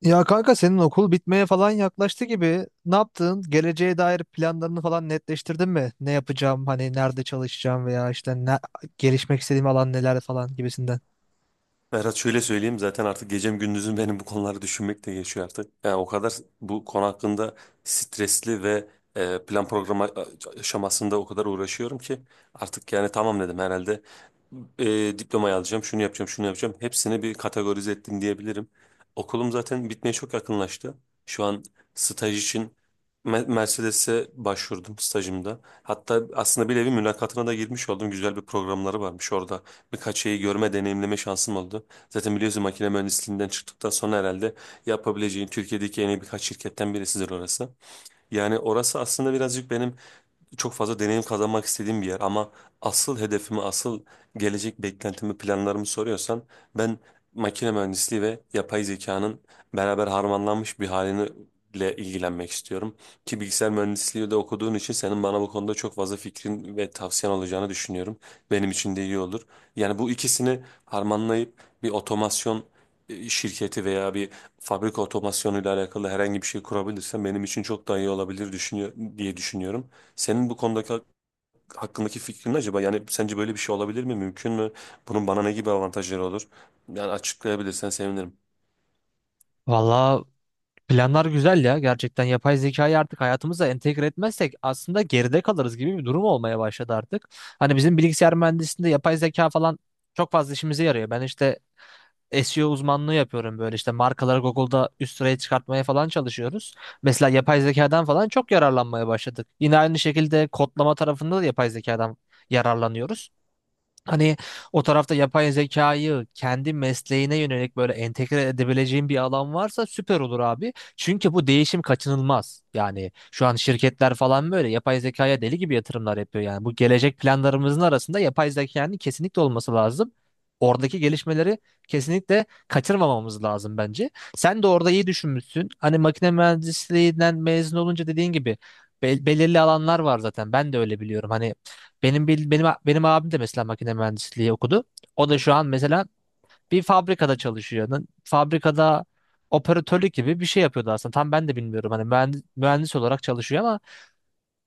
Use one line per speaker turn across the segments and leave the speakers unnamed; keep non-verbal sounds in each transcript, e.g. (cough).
Ya kanka senin okul bitmeye falan yaklaştı gibi. Ne yaptın? Geleceğe dair planlarını falan netleştirdin mi? Ne yapacağım? Hani nerede çalışacağım veya işte ne, gelişmek istediğim alan neler falan gibisinden.
Berat şöyle söyleyeyim, zaten artık gecem gündüzüm benim bu konuları düşünmek de geçiyor artık. Yani o kadar bu konu hakkında stresli ve plan programı aşamasında o kadar uğraşıyorum ki artık yani tamam dedim, herhalde diplomayı alacağım, şunu yapacağım, şunu yapacağım. Hepsini bir kategorize ettim diyebilirim. Okulum zaten bitmeye çok yakınlaştı. Şu an staj için Mercedes'e başvurdum stajımda. Hatta aslında bir nevi mülakatına da girmiş oldum. Güzel bir programları varmış orada. Birkaç şeyi görme, deneyimleme şansım oldu. Zaten biliyorsun, makine mühendisliğinden çıktıktan sonra herhalde yapabileceğin Türkiye'deki en iyi birkaç şirketten birisidir orası. Yani orası aslında birazcık benim çok fazla deneyim kazanmak istediğim bir yer, ama asıl hedefimi, asıl gelecek beklentimi, planlarımı soruyorsan, ben makine mühendisliği ve yapay zekanın beraber harmanlanmış bir halini ile ilgilenmek istiyorum. Ki bilgisayar mühendisliği de okuduğun için senin bana bu konuda çok fazla fikrin ve tavsiyen olacağını düşünüyorum. Benim için de iyi olur. Yani bu ikisini harmanlayıp bir otomasyon şirketi veya bir fabrika otomasyonuyla alakalı herhangi bir şey kurabilirsem benim için çok daha iyi olabilir diye düşünüyorum. Senin bu konudaki hakkındaki fikrin ne acaba? Yani sence böyle bir şey olabilir mi? Mümkün mü? Bunun bana ne gibi avantajları olur? Yani açıklayabilirsen sevinirim.
Valla planlar güzel ya. Gerçekten yapay zekayı artık hayatımıza entegre etmezsek aslında geride kalırız gibi bir durum olmaya başladı artık. Hani bizim bilgisayar mühendisliğinde yapay zeka falan çok fazla işimize yarıyor. Ben işte SEO uzmanlığı yapıyorum böyle işte markaları Google'da üst sıraya çıkartmaya falan çalışıyoruz. Mesela yapay zekadan falan çok yararlanmaya başladık. Yine aynı şekilde kodlama tarafında da yapay zekadan yararlanıyoruz. Hani o tarafta yapay zekayı kendi mesleğine yönelik böyle entegre edebileceğin bir alan varsa süper olur abi. Çünkü bu değişim kaçınılmaz. Yani şu an şirketler falan böyle yapay zekaya deli gibi yatırımlar yapıyor. Yani bu gelecek planlarımızın arasında yapay zekanın kesinlikle olması lazım. Oradaki gelişmeleri kesinlikle kaçırmamamız lazım bence. Sen de orada iyi düşünmüşsün. Hani makine mühendisliğinden mezun olunca dediğin gibi belirli alanlar var zaten. Ben de öyle biliyorum. Hani benim bil- benim benim abim de mesela makine mühendisliği okudu. O da şu an mesela bir fabrikada çalışıyor. Fabrikada operatörlük gibi bir şey yapıyordu aslında. Tam ben de bilmiyorum. Hani mühendis olarak çalışıyor ama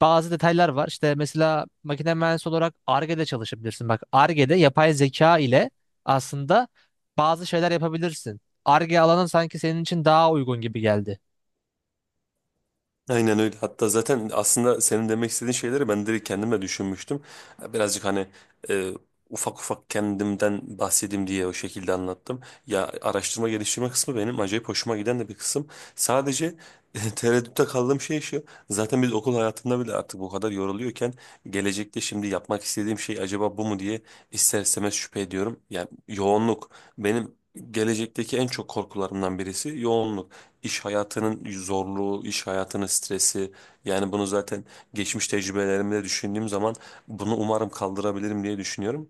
bazı detaylar var. İşte mesela makine mühendisi olarak Ar-Ge'de çalışabilirsin. Bak Ar-Ge'de yapay zeka ile aslında bazı şeyler yapabilirsin. Ar-Ge alanı sanki senin için daha uygun gibi geldi.
Aynen öyle. Hatta zaten aslında senin demek istediğin şeyleri ben direkt kendime düşünmüştüm. Birazcık hani e, ufak ufak kendimden bahsedeyim diye o şekilde anlattım. Ya, araştırma geliştirme kısmı benim acayip hoşuma giden de bir kısım. Sadece (laughs) tereddütte kaldığım şey şu. Zaten biz okul hayatında bile artık bu kadar yoruluyorken, gelecekte şimdi yapmak istediğim şey acaba bu mu diye ister istemez şüphe ediyorum. Yani yoğunluk, benim gelecekteki en çok korkularımdan birisi yoğunluk, iş hayatının zorluğu, iş hayatının stresi. Yani bunu zaten geçmiş tecrübelerimde düşündüğüm zaman, bunu umarım kaldırabilirim diye düşünüyorum.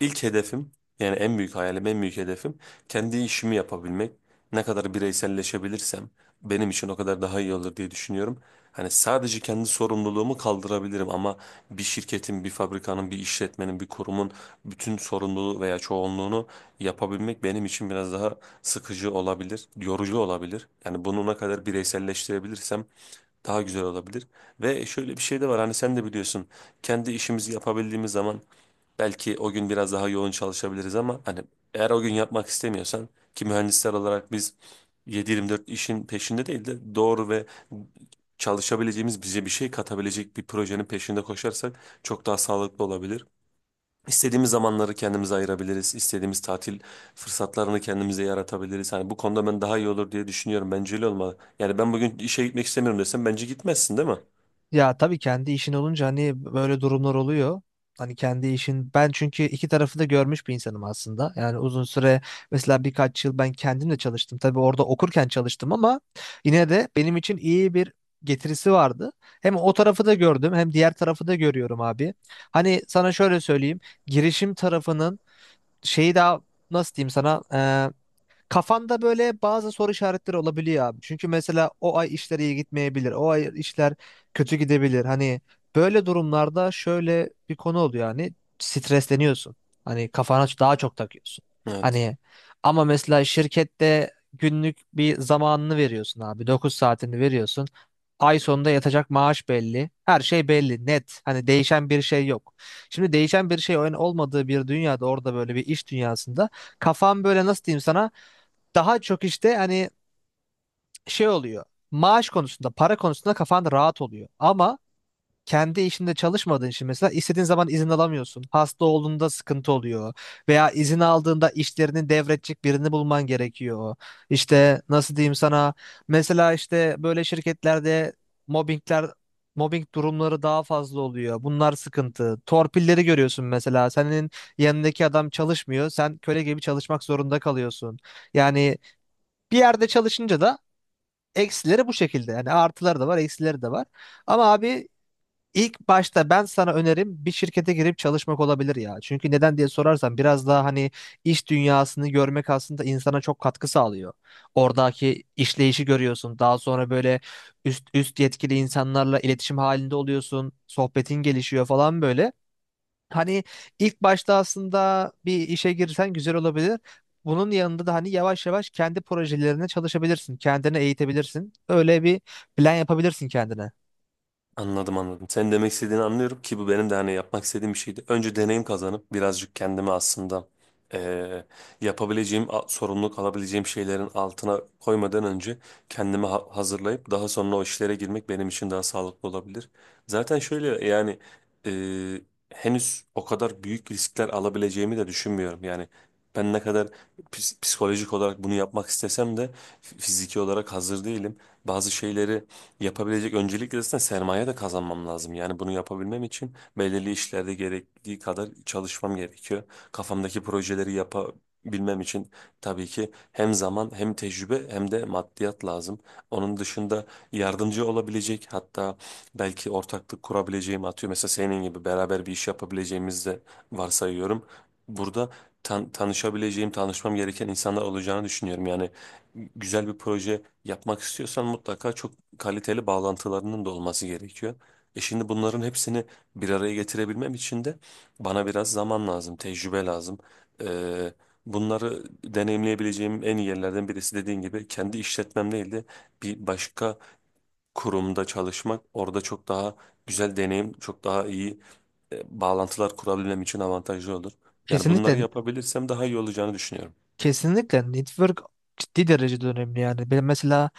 İlk hedefim, yani en büyük hayalim, en büyük hedefim kendi işimi yapabilmek. Ne kadar bireyselleşebilirsem benim için o kadar daha iyi olur diye düşünüyorum. Hani sadece kendi sorumluluğumu kaldırabilirim ama bir şirketin, bir fabrikanın, bir işletmenin, bir kurumun bütün sorumluluğu veya çoğunluğunu yapabilmek benim için biraz daha sıkıcı olabilir, yorucu olabilir. Yani bunu ne kadar bireyselleştirebilirsem daha güzel olabilir. Ve şöyle bir şey de var, hani sen de biliyorsun, kendi işimizi yapabildiğimiz zaman belki o gün biraz daha yoğun çalışabiliriz ama hani eğer o gün yapmak istemiyorsan, ki mühendisler olarak biz 7-24 işin peşinde değil de doğru ve çalışabileceğimiz, bize bir şey katabilecek bir projenin peşinde koşarsak çok daha sağlıklı olabilir. İstediğimiz zamanları kendimize ayırabiliriz. İstediğimiz tatil fırsatlarını kendimize yaratabiliriz. Hani bu konuda ben daha iyi olur diye düşünüyorum. Bence öyle olmalı. Yani ben bugün işe gitmek istemiyorum desem bence gitmezsin, değil mi?
Ya tabii kendi işin olunca hani böyle durumlar oluyor. Hani kendi işin ben çünkü iki tarafı da görmüş bir insanım aslında. Yani uzun süre mesela birkaç yıl ben kendim de çalıştım. Tabii orada okurken çalıştım ama yine de benim için iyi bir getirisi vardı. Hem o tarafı da gördüm hem diğer tarafı da görüyorum abi. Hani sana şöyle söyleyeyim. Girişim tarafının şeyi daha nasıl diyeyim sana? Kafanda böyle bazı soru işaretleri olabiliyor abi. Çünkü mesela o ay işler iyi gitmeyebilir. O ay işler kötü gidebilir. Hani böyle durumlarda şöyle bir konu oluyor yani stresleniyorsun. Hani kafana daha çok takıyorsun.
Evet.
Hani ama mesela şirkette günlük bir zamanını veriyorsun abi. 9 saatini veriyorsun. Ay sonunda yatacak maaş belli. Her şey belli, net. Hani değişen bir şey yok. Şimdi değişen bir şey olmadığı bir dünyada orada böyle bir iş dünyasında kafan böyle nasıl diyeyim sana daha çok işte hani şey oluyor. Maaş konusunda, para konusunda kafan rahat oluyor. Ama kendi işinde çalışmadığın için mesela istediğin zaman izin alamıyorsun. Hasta olduğunda sıkıntı oluyor. Veya izin aldığında işlerini devredecek birini bulman gerekiyor. İşte nasıl diyeyim sana mesela işte böyle şirketlerde mobbingler mobbing durumları daha fazla oluyor. Bunlar sıkıntı. Torpilleri görüyorsun mesela. Senin yanındaki adam çalışmıyor. Sen köle gibi çalışmak zorunda kalıyorsun. Yani bir yerde çalışınca da eksileri bu şekilde. Yani artıları da var, eksileri de var. Ama abi ilk başta ben sana önerim bir şirkete girip çalışmak olabilir ya. Çünkü neden diye sorarsan biraz daha hani iş dünyasını görmek aslında insana çok katkı sağlıyor. Oradaki işleyişi görüyorsun. Daha sonra böyle üst yetkili insanlarla iletişim halinde oluyorsun. Sohbetin gelişiyor falan böyle. Hani ilk başta aslında bir işe girsen güzel olabilir. Bunun yanında da hani yavaş yavaş kendi projelerine çalışabilirsin. Kendini eğitebilirsin. Öyle bir plan yapabilirsin kendine.
Anladım, anladım. Senin demek istediğini anlıyorum, ki bu benim de hani yapmak istediğim bir şeydi. Önce deneyim kazanıp birazcık kendimi aslında eee, sorumluluk alabileceğim şeylerin altına koymadan önce kendimi hazırlayıp daha sonra o işlere girmek benim için daha sağlıklı olabilir. Zaten şöyle, yani eee, henüz o kadar büyük riskler alabileceğimi de düşünmüyorum. Yani ben ne kadar psikolojik olarak bunu yapmak istesem de fiziki olarak hazır değilim. Bazı şeyleri yapabilecek öncelikle zaten sermaye de kazanmam lazım. Yani bunu yapabilmem için belirli işlerde gerektiği kadar çalışmam gerekiyor. Kafamdaki projeleri yapabilmem için tabii ki hem zaman, hem tecrübe, hem de maddiyat lazım. Onun dışında yardımcı olabilecek, hatta belki ortaklık kurabileceğim, atıyor mesela senin gibi beraber bir iş yapabileceğimizi de varsayıyorum. Burada tanışabileceğim, tanışmam gereken insanlar olacağını düşünüyorum. Yani güzel bir proje yapmak istiyorsan mutlaka çok kaliteli bağlantılarının da olması gerekiyor. E şimdi bunların hepsini bir araya getirebilmem için de bana biraz zaman lazım, tecrübe lazım. Ee, Bunları deneyimleyebileceğim en iyi yerlerden birisi, dediğin gibi kendi işletmem değil de bir başka kurumda çalışmak, orada çok daha güzel deneyim, çok daha iyi bağlantılar kurabilmem için avantajlı olur. Yani bunları
Kesinlikle.
yapabilirsem daha iyi olacağını düşünüyorum.
Kesinlikle network ciddi derecede önemli yani. Ben mesela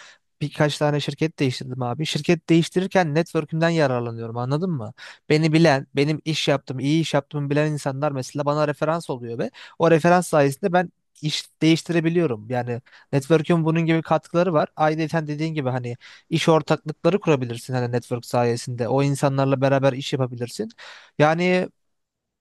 birkaç tane şirket değiştirdim abi. Şirket değiştirirken network'ümden yararlanıyorum, anladın mı? Beni bilen, benim iş yaptığım, iyi iş yaptığımı bilen insanlar mesela bana referans oluyor ve o referans sayesinde ben iş değiştirebiliyorum. Yani network'ün bunun gibi katkıları var. Ayrıca dediğin gibi hani iş ortaklıkları kurabilirsin hani network sayesinde. O insanlarla beraber iş yapabilirsin. Yani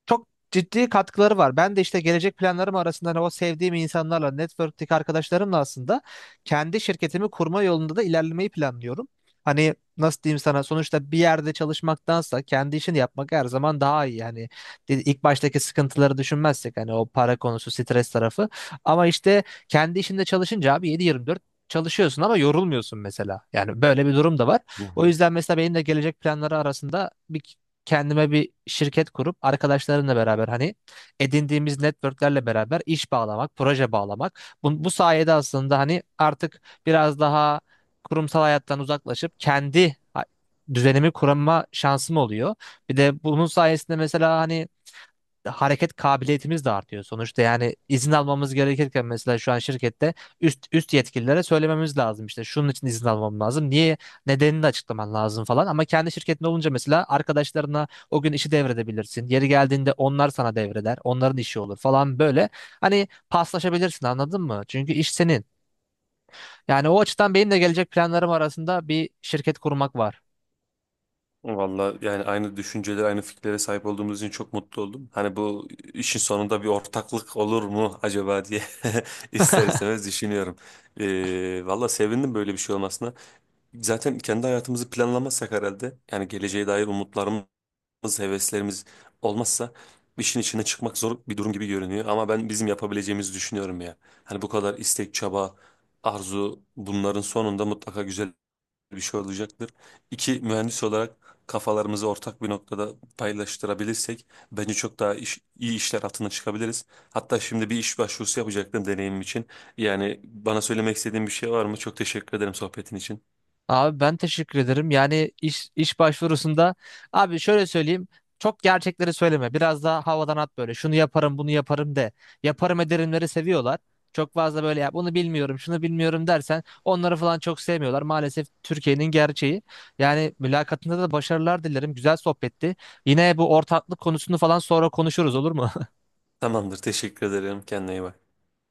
çok ciddi katkıları var. Ben de işte gelecek planlarım arasında hani o sevdiğim insanlarla, network'teki arkadaşlarımla aslında kendi şirketimi kurma yolunda da ilerlemeyi planlıyorum. Hani nasıl diyeyim sana sonuçta bir yerde çalışmaktansa kendi işini yapmak her zaman daha iyi. Yani ilk baştaki sıkıntıları düşünmezsek hani o para konusu, stres tarafı. Ama işte kendi işinde çalışınca abi 7/24 çalışıyorsun ama yorulmuyorsun mesela. Yani böyle bir durum da var. O yüzden mesela benim de gelecek planları arasında bir kendime bir şirket kurup arkadaşlarımla beraber hani edindiğimiz networklerle beraber iş bağlamak, proje bağlamak. Bu sayede aslında hani artık biraz daha kurumsal hayattan uzaklaşıp düzenimi kurma şansım oluyor. Bir de bunun sayesinde mesela hani hareket kabiliyetimiz de artıyor. Sonuçta yani izin almamız gerekirken mesela şu an şirkette üst yetkililere söylememiz lazım işte şunun için izin almam lazım. Nedenini de açıklaman lazım falan. Ama kendi şirketin olunca mesela arkadaşlarına o gün işi devredebilirsin. Yeri geldiğinde onlar sana devreder. Onların işi olur falan böyle. Hani paslaşabilirsin, anladın mı? Çünkü iş senin. Yani o açıdan benim de gelecek planlarım arasında bir şirket kurmak var.
Valla yani aynı düşüncelere, aynı fikirlere sahip olduğumuz için çok mutlu oldum. Hani bu işin sonunda bir ortaklık olur mu acaba diye (laughs) ister istemez düşünüyorum. Valla sevindim böyle bir şey olmasına. Zaten kendi hayatımızı planlamazsak herhalde, yani geleceğe dair umutlarımız, heveslerimiz olmazsa, işin içine çıkmak zor bir durum gibi görünüyor. Ama ben bizim yapabileceğimizi düşünüyorum ya. Hani bu kadar istek, çaba, arzu, bunların sonunda mutlaka güzel bir şey olacaktır. İki mühendis olarak kafalarımızı ortak bir noktada paylaştırabilirsek bence çok daha iyi işler altına çıkabiliriz. Hatta şimdi bir iş başvurusu yapacaktım deneyimim için. Yani bana söylemek istediğin bir şey var mı? Çok teşekkür ederim sohbetin için.
Abi ben teşekkür ederim. Yani iş başvurusunda abi şöyle söyleyeyim. Çok gerçekleri söyleme. Biraz daha havadan at böyle. Şunu yaparım, bunu yaparım de. Yaparım ederimleri seviyorlar. Çok fazla böyle ya bunu bilmiyorum, şunu bilmiyorum dersen onları falan çok sevmiyorlar. Maalesef Türkiye'nin gerçeği. Yani mülakatında da başarılar dilerim. Güzel sohbetti. Yine bu ortaklık konusunu falan sonra konuşuruz, olur mu?
Tamamdır, teşekkür ederim. Kendine iyi bak.